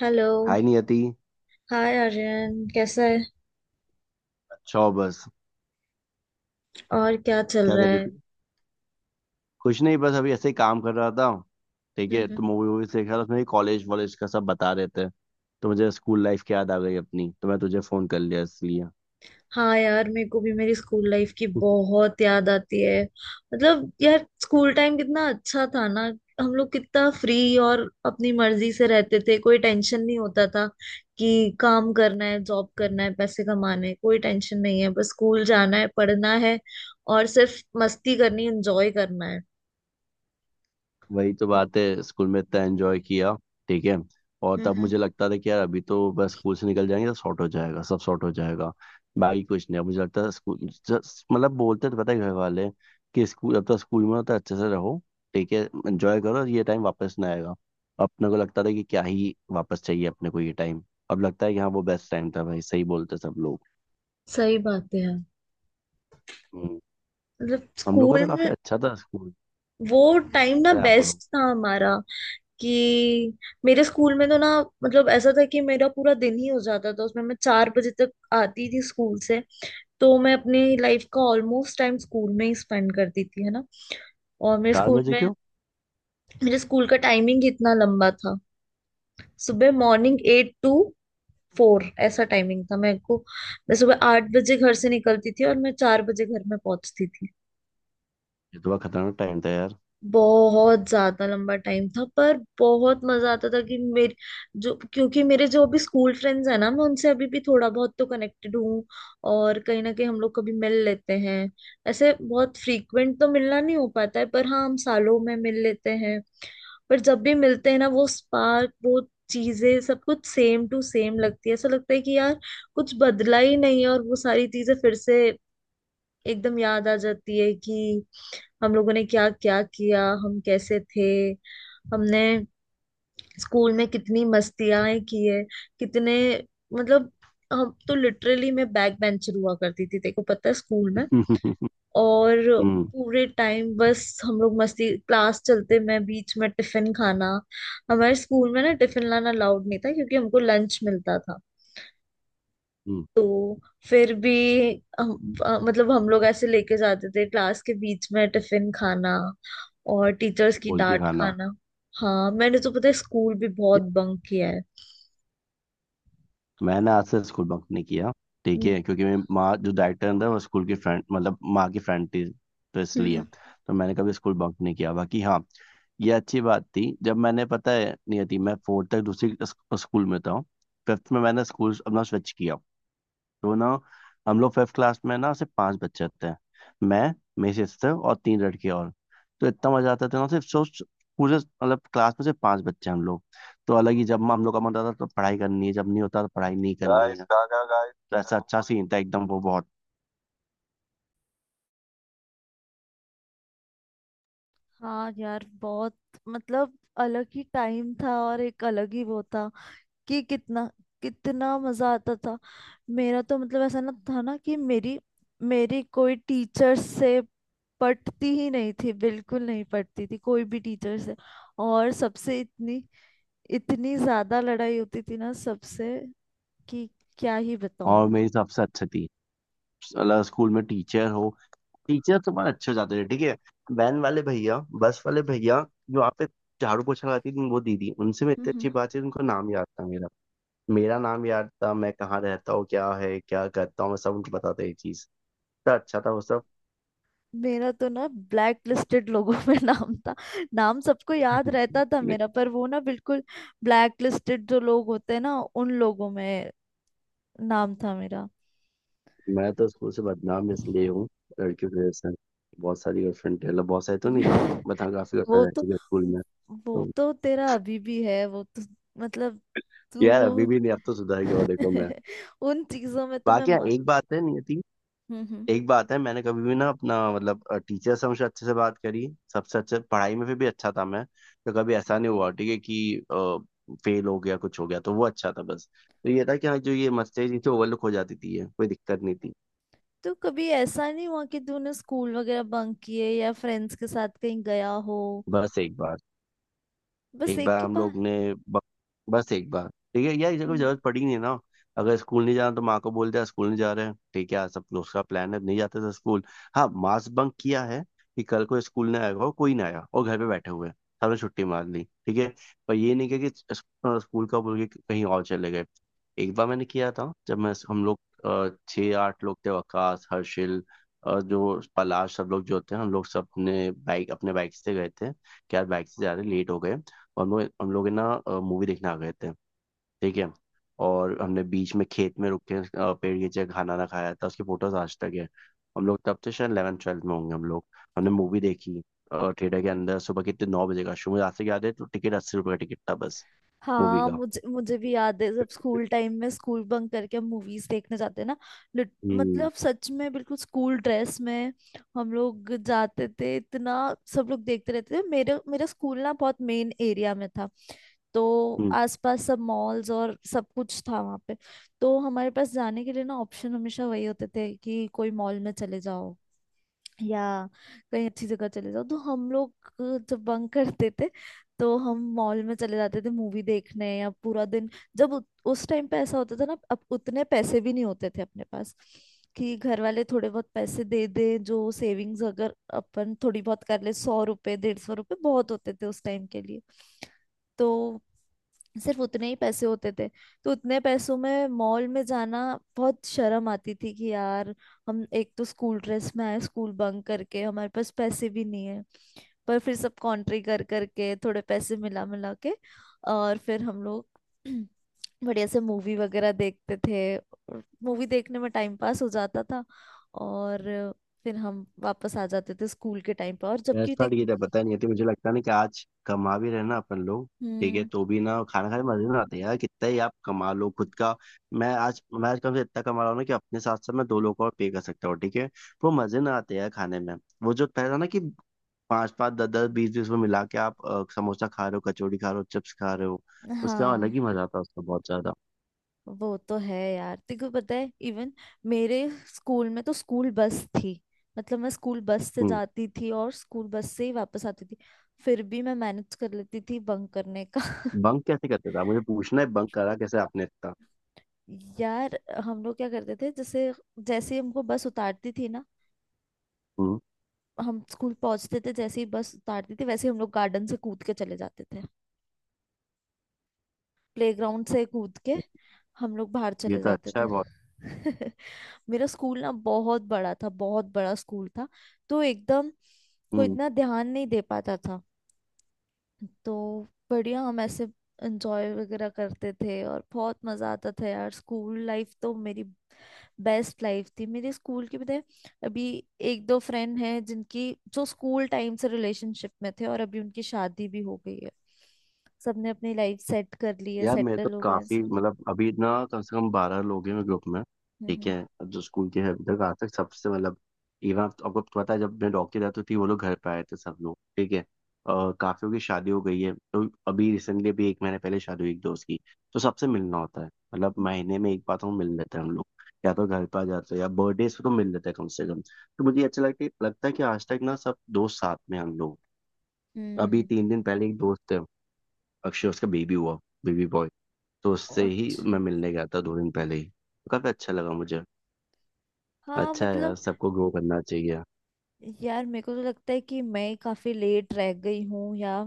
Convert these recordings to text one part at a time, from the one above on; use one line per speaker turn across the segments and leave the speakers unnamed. Hello.
Hi Niyati.
Hi Aryan, कैसा है?
अच्छा हो बस।
और क्या चल
क्या
रहा
कर रही
है?
थी। कुछ नहीं बस अभी ऐसे ही काम कर रहा था। ठीक
हम्म
है।
हम्म।
तो मूवी वूवी देख रहा था उसमें कॉलेज वॉलेज का सब बता रहे थे। तो मुझे स्कूल लाइफ की याद आ गई अपनी तो मैं तुझे फोन कर लिया इसलिए।
हाँ यार, मेरे को भी मेरी स्कूल लाइफ की बहुत याद आती है। मतलब यार, स्कूल टाइम कितना अच्छा था ना। हम लोग कितना फ्री और अपनी मर्जी से रहते थे, कोई टेंशन नहीं होता था कि काम करना है, जॉब करना है, पैसे कमाने हैं, कोई टेंशन नहीं है, बस स्कूल जाना है, पढ़ना है और सिर्फ मस्ती करनी, एंजॉय करना है।
वही तो बात है स्कूल में इतना एंजॉय किया। ठीक है। और
हम्म
तब मुझे
हम्म।
लगता था कि यार अभी तो बस स्कूल से निकल जाएंगे तो सॉर्ट हो जाएगा सब सॉर्ट हो जाएगा। बाकी कुछ नहीं। अब मुझे लगता था स्कूल मतलब बोलते तो पता है घर वाले कि स्कूल जब तक स्कूल में हो तो अच्छे से रहो। ठीक है। एंजॉय करो ये टाइम वापस ना आएगा। अपने को लगता था कि क्या ही वापस चाहिए अपने को ये टाइम। अब लगता है कि हाँ वो बेस्ट टाइम था भाई सही बोलते सब लोग।
सही बात है यार।
हम्म।
मतलब
हम लोग का
स्कूल
तो काफी
में
अच्छा था स्कूल।
वो टाइम ना
अरे आप बोलो।
बेस्ट था हमारा। कि मेरे स्कूल में तो ना, मतलब ऐसा था कि मेरा पूरा दिन ही हो जाता था उसमें, मैं 4 बजे तक आती थी स्कूल से। तो मैं अपनी लाइफ का ऑलमोस्ट टाइम स्कूल में ही स्पेंड करती थी, है ना। और मेरे
चार
स्कूल
बजे
में,
क्यों।
मेरे स्कूल का टाइमिंग ही इतना लंबा था। सुबह मॉर्निंग एट टू फोर ऐसा टाइमिंग था मेरे को। मैं सुबह 8 बजे घर से निकलती थी और मैं 4 बजे घर में पहुंचती थी।
ये तो बड़ा खतरनाक टाइम था यार।
बहुत ज्यादा लंबा टाइम था, पर बहुत मजा आता था कि मेरे जो, क्योंकि मेरे जो अभी स्कूल फ्रेंड्स हैं ना, मैं उनसे अभी भी थोड़ा बहुत तो कनेक्टेड हूँ। और कहीं ना कहीं हम लोग कभी मिल लेते हैं। ऐसे बहुत फ्रीक्वेंट तो मिलना नहीं हो पाता है, पर हाँ, हम सालों में मिल लेते हैं। पर जब भी मिलते हैं ना, वो स्पार्क, वो चीजें सब कुछ सेम टू सेम लगती है। ऐसा लगता है कि यार, कुछ बदला ही नहीं है। और वो सारी चीजें फिर से एकदम याद आ जाती है कि हम लोगों ने क्या क्या किया, हम कैसे थे, हमने स्कूल में कितनी मस्तियां की है। कितने मतलब, हम तो लिटरली, मैं बैक बेंचर हुआ करती थी, तेको पता है स्कूल में।
हम्म।
और
हम्म।
पूरे टाइम बस हम लोग मस्ती, क्लास चलते में बीच में टिफिन खाना। हमारे स्कूल में ना टिफिन लाना अलाउड नहीं था, क्योंकि हमको लंच मिलता था। तो फिर भी मतलब हम लोग ऐसे लेके जाते थे, क्लास के बीच में टिफिन खाना और टीचर्स की
खोल के
डांट
खाना।
खाना। हाँ, मैंने तो पता है स्कूल भी बहुत बंक किया है।
मैंने आज से स्कूल बंक नहीं किया। ठीक
हम्म
है क्योंकि मेरी माँ जो डायरेक्टर अंदर वो स्कूल की फ्रेंड मतलब माँ की फ्रेंड थी। तो इसलिए।
हम्म।
तो मैंने कभी स्कूल बंक नहीं किया बाकी हाँ। ये अच्छी बात थी जब मैंने पता है नहीं थी मैं फोर्थ तक दूसरी स्कूल में था। फिफ्थ में मैंने स्कूल अपना स्विच किया। तो ना हम लोग फिफ्थ क्लास में ना सिर्फ पांच बच्चे थे। मैं मेरी सिस्टर और तीन लड़के और। तो इतना मजा आता था ना सिर्फ सोच। पूरे मतलब क्लास में सिर्फ पांच बच्चे हैं हम लोग। तो अलग ही जब हम लोग का मन होता था तो पढ़ाई करनी है जब नहीं होता तो पढ़ाई नहीं करनी गाइस है गागा गाइस तो ऐसा अच्छा सीन था एकदम वो बहुत।
हाँ यार, बहुत। मतलब अलग ही टाइम था और एक अलग ही वो था कि कितना, कितना मजा आता था। मेरा तो मतलब ऐसा ना था ना कि मेरी मेरी कोई टीचर से पटती ही नहीं थी, बिल्कुल नहीं पटती थी कोई भी टीचर से। और सबसे इतनी, इतनी ज्यादा लड़ाई होती थी ना सबसे कि क्या ही बताऊं
और
मैं।
मेरी सबसे अच्छी थी। मतलब स्कूल में टीचर हो टीचर तो बहुत अच्छे हो जाते थे। ठीक है। वैन वाले भैया बस वाले भैया जो आप पे झाड़ू पोछा लगाती थी वो दीदी उनसे मैं इतनी
हम्म।
अच्छी बात है उनका नाम याद था मेरा। मेरा नाम याद था मैं कहाँ रहता हूँ क्या है क्या करता हूँ मैं सब उनको बताता ये चीज़। इतना अच्छा था वो सब।
मेरा तो ना ब्लैक लिस्टेड लोगों में नाम था। नाम सबको याद रहता था
मैं
मेरा, पर वो ना बिल्कुल ब्लैक लिस्टेड जो लोग होते हैं ना, उन लोगों में नाम था मेरा।
मैं तो स्कूल से बदनाम इसलिए हूँ। लड़कियों की वजह से। बहुत सारी गर्लफ्रेंड मतलब बहुत सारी तो नहीं थी बट हाँ काफी गर्लफ्रेंड
वो
रह
तो
चुकी है स्कूल में।
वो
तो
तो तेरा अभी भी है वो तो। मतलब
यार अभी
तू,
भी नहीं। अब तो सुधर गया हूँ, देखो मैं।
उन चीजों में तो मैं।
बाकी हाँ, एक बात है नियति।
हम्म हम्म।
एक बात है मैंने कभी भी ना अपना मतलब टीचर से हमेशा अच्छे से बात करी। सबसे अच्छे पढ़ाई में फिर भी अच्छा था मैं। तो कभी ऐसा नहीं हुआ ठीक है कि फेल हो गया कुछ हो गया तो वो अच्छा था बस। तो ये था कि हाँ जो ये मस्ती थी तो ओवरलुक हो जाती थी ये कोई दिक्कत नहीं थी।
तो कभी ऐसा नहीं हुआ कि तूने स्कूल वगैरह बंक किए या फ्रेंड्स के साथ कहीं गया हो?
बस एक बात।
बस
एक
एक
बार
ही
हम लोग ने बस एक बार। ठीक है यार इसे कोई
बार।
जरूरत पड़ी नहीं है ना। अगर स्कूल नहीं जाना तो माँ को बोलते हैं स्कूल नहीं जा रहे हैं ठीक है आज सब दोस्त का प्लान है नहीं जाते थे स्कूल। हाँ मास बंक किया है कि कल को स्कूल नहीं आएगा और कोई नहीं आया और घर पे बैठे हुए हैं। सबने छुट्टी मार ली। ठीक है। पर ये नहीं किया कि स्कूल का बोल के कहीं और चले गए। एक बार मैंने किया था जब मैं हम लोग छः आठ लोग थे वकास हर्षिल और जो पलाश सब लोग जो थे हम लोग सब अपने बाइक से गए थे। क्या बाइक से जा रहे लेट हो गए। और हम लोग है ना मूवी देखने आ गए थे। ठीक है। और हमने बीच में खेत में रुक के पेड़ के नीचे खाना ना खाया था उसकी फोटोज आज तक है। हम लोग तब से शायद 11 ट्वेल्थ में होंगे हम लोग। हमने मूवी देखी। थिएटर के अंदर सुबह कितने 9 बजे का शो मुझे आज तक याद है तो टिकट 80 रुपये का टिकट था बस। मूवी
हाँ,
का।
मुझे मुझे भी याद है, जब स्कूल टाइम में स्कूल बंक करके हम मूवीज देखने जाते ना, लिट- मतलब सच में बिल्कुल स्कूल ड्रेस में हम लोग जाते थे। इतना सब लोग देखते रहते थे मेरे, मेरा स्कूल ना बहुत मेन एरिया में था। तो
हम्म।
आसपास सब मॉल्स और सब कुछ था वहाँ पे। तो हमारे पास जाने के लिए ना ऑप्शन हमेशा वही होते थे, कि कोई मॉल में चले जाओ या कहीं अच्छी जगह चले जाओ। तो हम लोग जब बंक करते थे तो हम मॉल में चले जाते थे मूवी देखने, या पूरा दिन जब उस टाइम पे ऐसा होता था ना, अब उतने पैसे भी नहीं होते थे अपने पास। कि घर वाले थोड़े बहुत पैसे दे दे, जो सेविंग्स अगर अपन थोड़ी बहुत कर ले, 100 रुपए 150 रुपए बहुत होते थे उस टाइम के लिए। तो सिर्फ उतने ही पैसे होते थे। तो उतने पैसों में मॉल में जाना बहुत शर्म आती थी कि यार, हम एक तो स्कूल ड्रेस में आए, स्कूल बंक करके हमारे पास पैसे भी नहीं है। पर फिर सब कॉन्ट्री कर करके, थोड़े पैसे मिला मिला के और फिर हम लोग बढ़िया से मूवी वगैरह देखते थे। मूवी देखने में टाइम पास हो जाता था। और फिर हम वापस आ जाते थे स्कूल के टाइम पर और जबकि
भैंस फाड़
देख।
की तो पता नहीं होती मुझे लगता नहीं कि आज कमा भी रहे ना अपन लोग। ठीक है
हम्म।
तो भी ना खाना खाने में मजे ना आते हैं यार कितना ही आप कमा लो खुद का। मैं आज कम से इतना कमा रहा हूँ ना कि अपने साथ साथ मैं 2 लोगों को और पे कर सकता हूँ। ठीक है। वो मजे ना आते हैं यार खाने में। वो जो पहला ना कि पाँच पाँच दस दस बीस बीस में मिला के आप समोसा खा रहे हो कचौड़ी खा रहे हो चिप्स खा रहे हो। उसका अलग
हाँ,
ही मजा आता है उसका बहुत ज्यादा।
वो तो है यार, तेको पता है। इवन मेरे स्कूल में तो स्कूल बस थी। मतलब मैं स्कूल बस से
हम्म।
जाती थी और स्कूल बस से ही वापस आती थी। फिर भी मैं मैनेज कर लेती थी बंक करने का।
बंक कैसे करते थे आप? मुझे पूछना है बंक करा कैसे आपने इतना।
यार, हम लोग क्या करते थे, जैसे, जैसे ही हमको बस उतारती थी ना,
हम्म।
हम स्कूल पहुंचते थे, जैसे ही बस उतारती थी वैसे ही हम लोग गार्डन से कूद के चले जाते थे, प्लेग्राउंड से कूद के हम लोग बाहर
ये
चले
तो
जाते
अच्छा
थे।
है बहुत।
मेरा स्कूल ना बहुत बड़ा था, बहुत बड़ा स्कूल था। तो एकदम को
हम्म।
इतना ध्यान नहीं दे पाता था। तो बढ़िया हम ऐसे एंजॉय वगैरह करते थे। और बहुत मजा आता था यार, स्कूल लाइफ तो मेरी बेस्ट लाइफ थी मेरे स्कूल के बताए। अभी 1-2 फ्रेंड हैं जिनकी, जो स्कूल टाइम से रिलेशनशिप में थे और अभी उनकी शादी भी हो गई है। सबने अपनी लाइफ सेट कर ली है,
यार मेरे तो
सेटल हो गए हैं
काफी
सब।
मतलब अभी इतना कम से कम 12 लोग हैं मेरे ग्रुप में। ठीक
हम्म
है। अब जो स्कूल के हैं अभी तक आज तक सबसे मतलब इवन आपको तो पता है जब मैं डॉक्टर जाती थी वो लोग घर पे आए थे सब लोग। ठीक है। और काफियों की शादी हो गई है तो अभी रिसेंटली अभी एक महीने पहले शादी हुई एक दोस्त की। तो सबसे मिलना होता है मतलब महीने में एक बार तो हम मिल लेते हैं हम लोग। या तो घर पे आ जाते हैं या बर्थडे पे तो मिल लेते हैं कम से कम तो मुझे अच्छा लगता है कि आज तक ना सब दोस्त साथ में हैं हम लोग। अभी
हम्म।
3 दिन पहले एक दोस्त है अक्षय उसका बेबी हुआ। Baby boy. तो उससे ही मैं
अच्छा।
मिलने गया था 2 दिन पहले ही तो काफी अच्छा लगा मुझे।
हाँ,
अच्छा है यार
मतलब
सबको ग्रो करना चाहिए।
यार, मेरे को तो लगता है कि मैं काफी लेट रह गई हूँ, या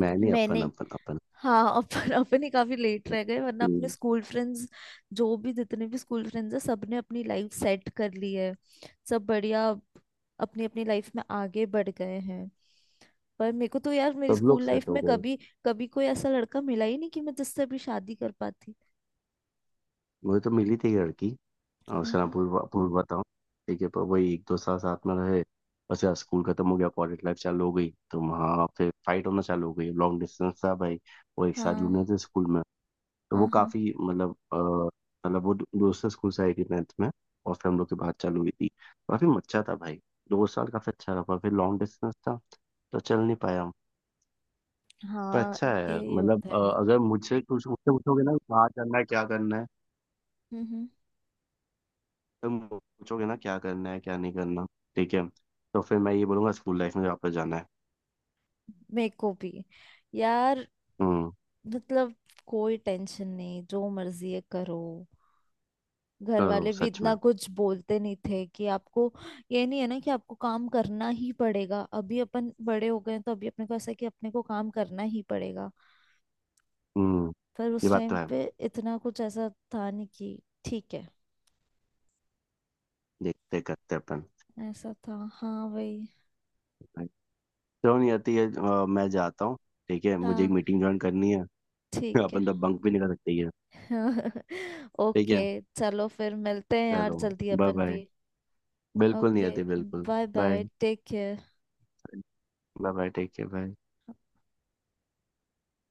मैं नहीं अपन
मैंने,
अपन अपन
हाँ अपन, अपन ही काफी लेट रह गए। वरना अपने
हम्म।
स्कूल फ्रेंड्स, जो भी जितने भी स्कूल फ्रेंड्स हैं, सबने अपनी लाइफ सेट कर ली है। सब बढ़िया अपनी अपनी लाइफ में आगे बढ़ गए हैं। पर मेरे को तो यार, मेरी
सब लोग
स्कूल लाइफ
सेट हो
में
गए।
कभी कभी कोई ऐसा लड़का मिला ही नहीं कि मैं जिससे भी शादी कर पाती।
मुझे तो मिली थी एक लड़की उसका नाम
हम्म।
पूर्वा पूर्वा था। ठीक है पर वही एक दो साल साथ में रहे। बस यार स्कूल खत्म हो गया कॉलेज लाइफ चालू हो गई तो वहाँ फिर फाइट होना चालू हो गई लॉन्ग डिस्टेंस था भाई। वो एक साथ
हाँ
जूनियर थे स्कूल में। तो
हाँ
वो
हाँ
काफी मतलब मतलब वो दूसरे स्कूल से आई थी 9th में। और फिर हम लोग की बात चालू हुई थी। काफी अच्छा था भाई। दो साल काफी अच्छा रहा पर फिर लॉन्ग डिस्टेंस था। तो चल नहीं पाया हम। पर
हाँ,
अच्छा है
यही
मतलब
होता है।
अगर मुझसे कुछ मुझसे पूछोगे ना कहाँ करना है क्या करना है।
हम्म।
तो मुझे पूछोगे ना क्या करना है क्या नहीं करना। ठीक है। तो फिर मैं ये बोलूंगा स्कूल लाइफ में वापस जाना है।
मेरे को भी यार,
हम्म।
मतलब कोई टेंशन नहीं, जो मर्जी है करो। घर
करो
वाले भी
सच में।
इतना कुछ बोलते नहीं थे कि आपको, ये नहीं है ना कि आपको काम करना ही पड़ेगा। अभी अपन बड़े हो गए हैं, तो अभी अपने को ऐसा है कि अपने को काम करना ही पड़ेगा।
हम्म।
पर
ये
उस
बात
टाइम
तो है।
पे इतना कुछ ऐसा था नहीं कि, ठीक है।
देखते करते अपन।
ऐसा था, हाँ भाई।
चलो नहीं आती है मैं जाता हूँ। ठीक है मुझे एक
हाँ,
मीटिंग ज्वाइन करनी है।
ठीक
आप
है।
अंदर बंक भी नहीं कर सकते ये। ठीक
ओके,
है।
चलो फिर मिलते हैं यार
चलो।
जल्दी
बाय
अपन
बाय।
भी।
बिल्कुल नहीं
ओके,
आती बिल्कुल।
Bye
bye.
Bye, take care.
Bye bye take care bye.